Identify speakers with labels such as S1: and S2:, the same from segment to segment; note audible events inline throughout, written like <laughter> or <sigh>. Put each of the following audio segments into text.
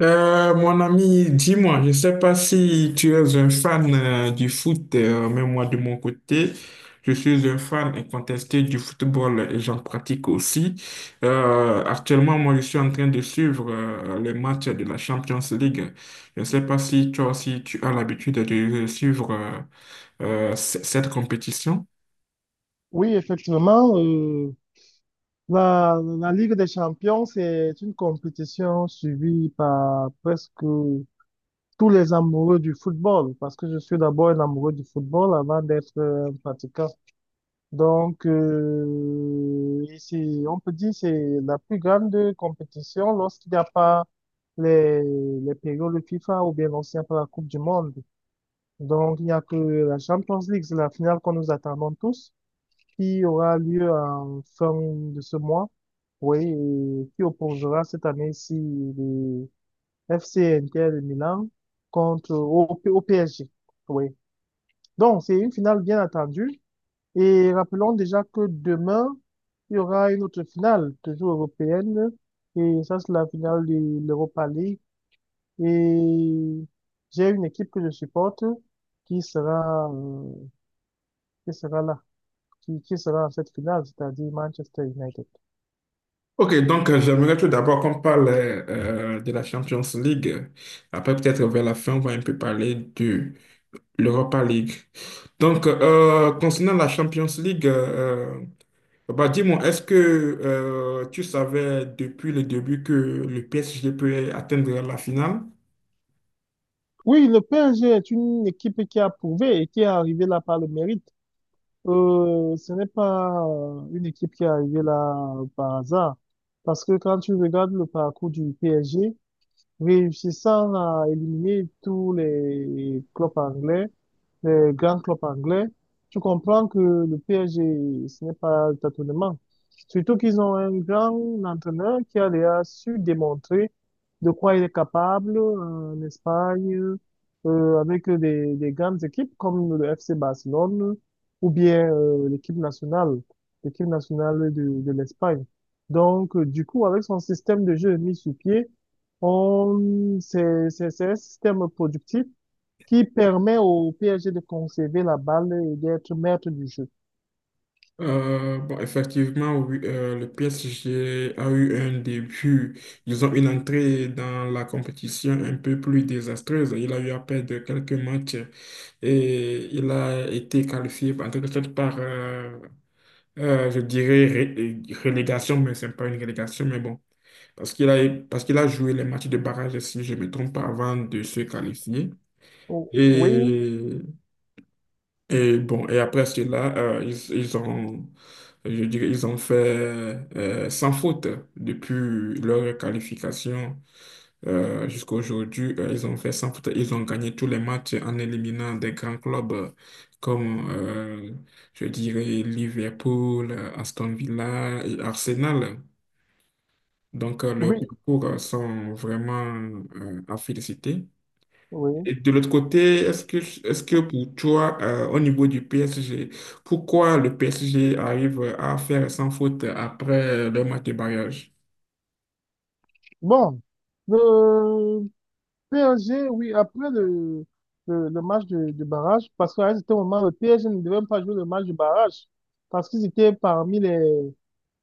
S1: Mon ami, dis-moi, je ne sais pas si tu es un fan du foot, mais moi de mon côté, je suis un fan incontesté du football et j'en pratique aussi. Actuellement, moi, je suis en train de suivre les matchs de la Champions League. Je ne sais pas si toi aussi tu as l'habitude de suivre cette compétition.
S2: Oui, effectivement, la Ligue des Champions, c'est une compétition suivie par presque tous les amoureux du football, parce que je suis d'abord un amoureux du football avant d'être un pratiquant. Donc, ici, on peut dire que c'est la plus grande compétition lorsqu'il n'y a pas les, les périodes FIFA ou bien lorsqu'il n'y a pas la Coupe du Monde. Donc, il n'y a que la Champions League, c'est la finale qu'on nous attendons tous, qui aura lieu en fin de ce mois, oui, et qui opposera cette année-ci le FC Inter de Milan contre au PSG. Oui. Donc, c'est une finale bien attendue. Et rappelons déjà que demain, il y aura une autre finale, toujours européenne. Et ça, c'est la finale de l'Europa League. Et j'ai une équipe que je supporte qui sera, euh, qui sera là, qui sera à cette finale, c'est-à-dire Manchester United.
S1: Ok, donc j'aimerais tout d'abord qu'on parle de la Champions League. Après, peut-être vers la fin, on va un peu parler de l'Europa League. Donc, concernant la Champions League, dis-moi, est-ce que tu savais depuis le début que le PSG peut atteindre la finale?
S2: Oui, le PSG est une équipe qui a prouvé et qui est arrivée là par le mérite. Ce n'est pas une équipe qui est arrivée là par hasard. Parce que quand tu regardes le parcours du PSG, réussissant à éliminer tous les clubs anglais, les grands clubs anglais, tu comprends que le PSG, ce n'est pas le tâtonnement. Surtout qu'ils ont un grand entraîneur qui a déjà su démontrer de quoi il est capable en Espagne, avec des grandes équipes comme le FC Barcelone ou bien l'équipe nationale de l'Espagne. Donc, du coup, avec son système de jeu mis sur pied, c'est un système productif qui permet au PSG de conserver la balle et d'être maître du jeu.
S1: Effectivement, oui, le PSG a eu un début. Ils ont une entrée dans la compétition un peu plus désastreuse. Il a eu à perdre quelques matchs et il a été qualifié en quelque sorte par, je dirais, relégation, mais c'est pas une relégation, mais bon, parce qu'il a, parce qu'il a joué les matchs de barrage, si je ne me trompe pas, avant de se qualifier.
S2: Oh, oui,
S1: Et, et bon, et après cela, ils ont, je dirais, ils ont fait sans faute depuis leur qualification jusqu'à aujourd'hui. Ils ont fait sans faute. Ils ont gagné tous les matchs en éliminant des grands clubs comme je dirais, Liverpool, Aston Villa et Arsenal. Donc, leurs
S2: oui,
S1: parcours sont vraiment à féliciter.
S2: oui.
S1: Et de l'autre côté, est-ce que pour toi, au niveau du PSG, pourquoi le PSG arrive à faire sans faute après le match de barrage?
S2: Bon, le PSG, oui, après le match de barrage, parce qu'à un certain moment, le PSG ne devait même pas jouer le match de barrage, parce qu'ils étaient parmi les,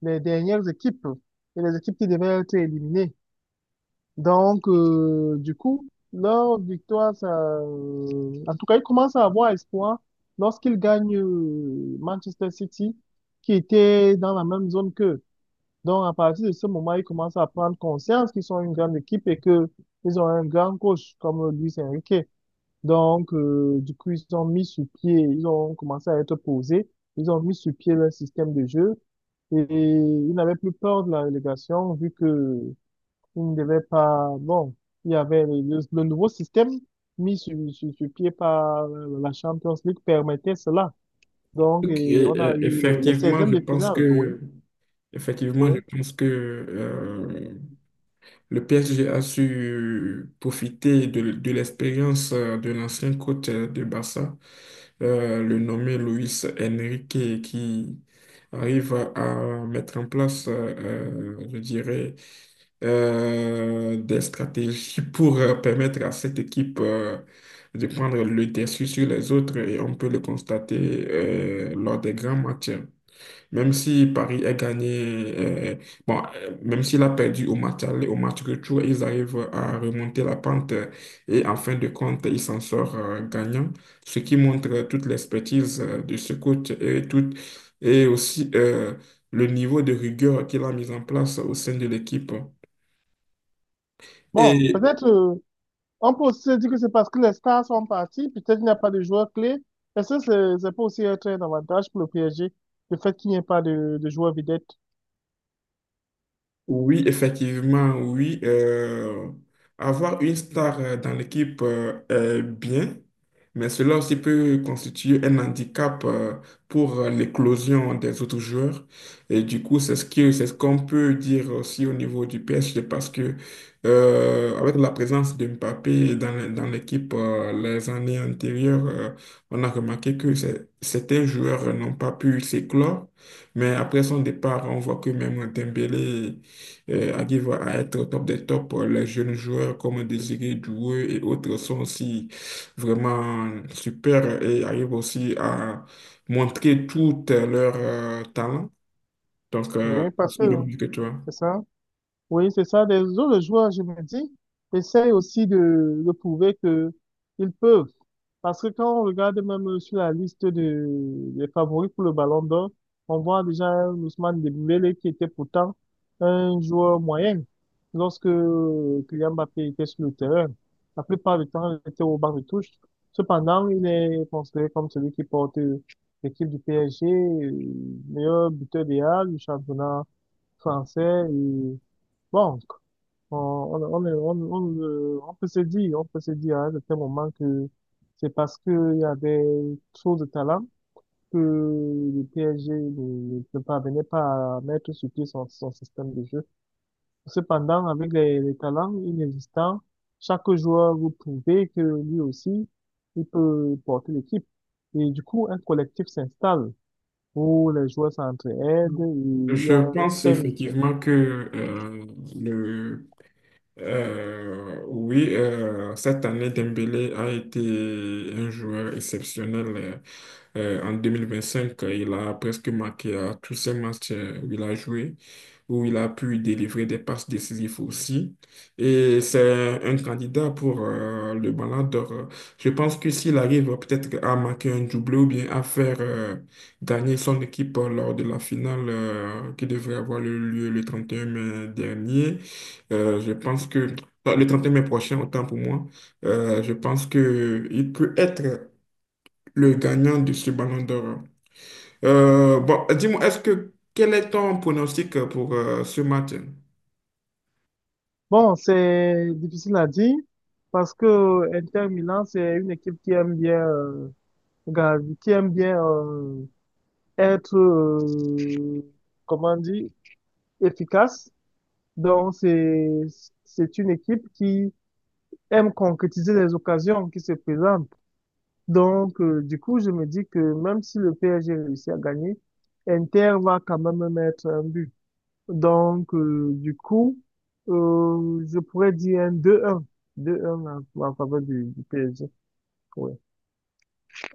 S2: les dernières équipes et les équipes qui devaient être éliminées. Donc, du coup, leur victoire, ça, en tout cas, ils commencent à avoir espoir lorsqu'ils gagnent Manchester City, qui était dans la même zone qu'eux. Donc, à partir de ce moment, ils commencent à prendre conscience qu'ils sont une grande équipe et que ils ont un grand coach comme Luis Enrique. Donc, du coup, ils ont mis sur pied, ils ont commencé à être posés, ils ont mis sur pied leur système de jeu et ils n'avaient plus peur de la relégation vu que il ne devait pas... Bon, il y avait le nouveau système mis sur pied par la Champions League permettait cela. Donc, et on a eu le
S1: Effectivement,
S2: 16
S1: je
S2: de
S1: pense
S2: finale, oui,
S1: que, effectivement, je
S2: oui.
S1: pense que le PSG a su profiter de l'expérience de l'ancien coach de Barça, le nommé Luis Enrique qui arrive à mettre en place, je dirais, des stratégies <laughs> pour permettre à cette équipe de prendre le dessus sur les autres et on peut le constater lors des grands matchs. Même si Paris a gagné, même s'il a perdu au match aller, au match retour, ils arrivent à remonter la pente et en fin de compte, ils s'en sortent gagnants, ce qui montre toute l'expertise de ce coach et, tout, et aussi le niveau de rigueur qu'il a mis en place au sein de l'équipe.
S2: Bon,
S1: Et
S2: peut-être, on peut aussi se dire que c'est parce que les stars sont partis, peut-être il n'y a pas de joueurs clés. Est-ce que c'est pas aussi un très avantage pour le PSG, le fait qu'il n'y ait pas de joueurs vedettes?
S1: Oui, effectivement, oui. Avoir une star dans l'équipe est bien, mais cela aussi peut constituer un handicap pour l'éclosion des autres joueurs. Et du coup, c'est ce que, c'est ce qu'on peut dire aussi au niveau du PSG parce que avec la présence de Mbappé dans, dans l'équipe les années antérieures, on a remarqué que certains joueurs n'ont pas pu s'éclore. Mais après son départ, on voit que même Dembélé arrivent à être au top des tops. Les jeunes joueurs comme Désiré Doué et autres sont aussi vraiment super et arrivent aussi à montrer tout leur talent. Donc,
S2: Oui,
S1: je
S2: parce que
S1: suis le même que toi.
S2: c'est ça. Oui, c'est ça. Les autres joueurs, je me dis, essayent aussi de prouver que ils peuvent. Parce que quand on regarde même sur la liste des favoris pour le Ballon d'Or, on voit déjà un Ousmane Dembélé qui était pourtant un joueur moyen lorsque Kylian Mbappé était sur le terrain. La plupart du temps, il était au banc de touche. Cependant, il est considéré comme celui qui porte l'équipe du PSG, meilleur buteur des Halles, du championnat français. Et bon, on, on, est- on, le- on peut se dire, à un certain moment que c'est parce qu'il y avait trop de talent que le PSG ne parvenait pas à mettre sur pied son système de jeu. Cependant, avec les talents inexistants, chaque joueur vous prouvait que lui aussi, il peut porter l'équipe. Et du coup, un collectif s'installe où les joueurs s'entraident et il y
S1: Je
S2: a un
S1: pense
S2: respect mutuel.
S1: effectivement que euh, le oui, cette année, Dembélé a été un joueur exceptionnel. Euh, En cinq il a presque marqué à tous ses matchs où il a joué, où il a pu délivrer des passes décisives aussi. Et c'est un candidat pour le Ballon d'Or. Je pense que s'il arrive peut-être à marquer un doublé ou bien à faire gagner son équipe lors de la finale qui devrait avoir lieu le 31 mai dernier, je pense que non, le 31 mai prochain, autant pour moi, je pense que il peut être le gagnant de ce Ballon d'Or. Dis-moi, est-ce que quel est ton pronostic pour ce match?
S2: Bon, c'est difficile à dire parce que Inter Milan, c'est une équipe qui aime bien, gar- qui aime bien euh, être, comment dire, efficace. Donc, c'est une équipe qui aime concrétiser les occasions qui se présentent. Donc, du coup, je me dis que même si le PSG réussit à gagner, Inter va quand même mettre un but. Donc, du coup, je pourrais dire un deux un deux un en faveur du PSG. Oui.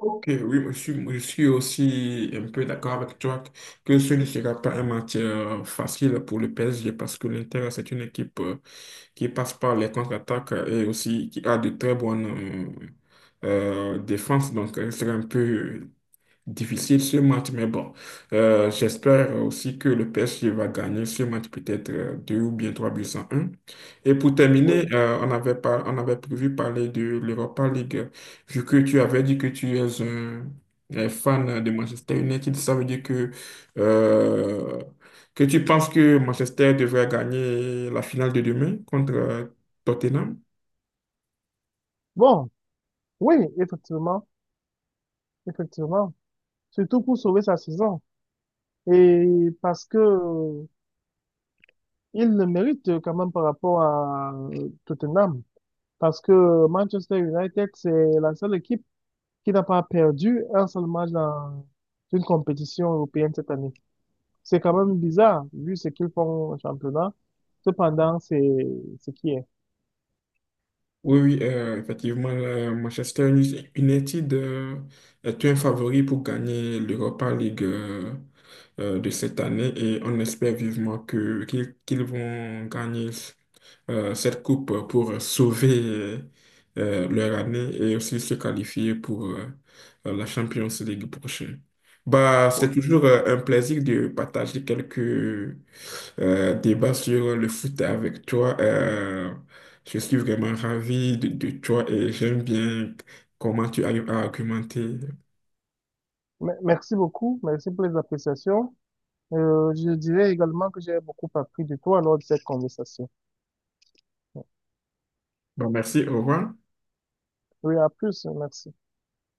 S1: Ok, oui, moi, je suis aussi un peu d'accord avec toi que ce ne sera pas un match facile pour le PSG parce que l'Inter, c'est une équipe qui passe par les contre-attaques et aussi qui a de très bonnes défenses. Donc, ce sera un peu difficile ce match, mais bon, j'espère aussi que le PSG va gagner ce match, peut-être deux ou bien trois buts à un. Et pour terminer,
S2: Oui.
S1: on avait prévu parler de l'Europa League, vu que tu avais dit que tu es un fan de Manchester United, ça veut dire euh, que tu penses que Manchester devrait gagner la finale de demain contre Tottenham?
S2: Bon, oui, effectivement. Effectivement. Surtout pour sauver sa saison. Et parce que il le mérite quand même par rapport à Tottenham. Parce que Manchester United, c'est la seule équipe qui n'a pas perdu un seul match dans une compétition européenne cette année. C'est quand même bizarre, vu ce qu'ils font au championnat. Cependant, c'est ce qui est.
S1: Oui, oui, effectivement, le Manchester United est un favori pour gagner l'Europa League de cette année et on espère vivement que qu'ils qu'ils vont gagner cette coupe pour sauver leur année et aussi se qualifier pour la Champions League prochaine. Bah, c'est toujours un plaisir de partager quelques débat sur le foot avec toi. Je suis vraiment ravi de toi et j'aime bien comment tu arrives à argumenter.
S2: Merci beaucoup, merci pour les appréciations. Je dirais également que j'ai beaucoup appris de toi lors de cette conversation.
S1: Bon, merci, au revoir.
S2: Oui, à plus, merci.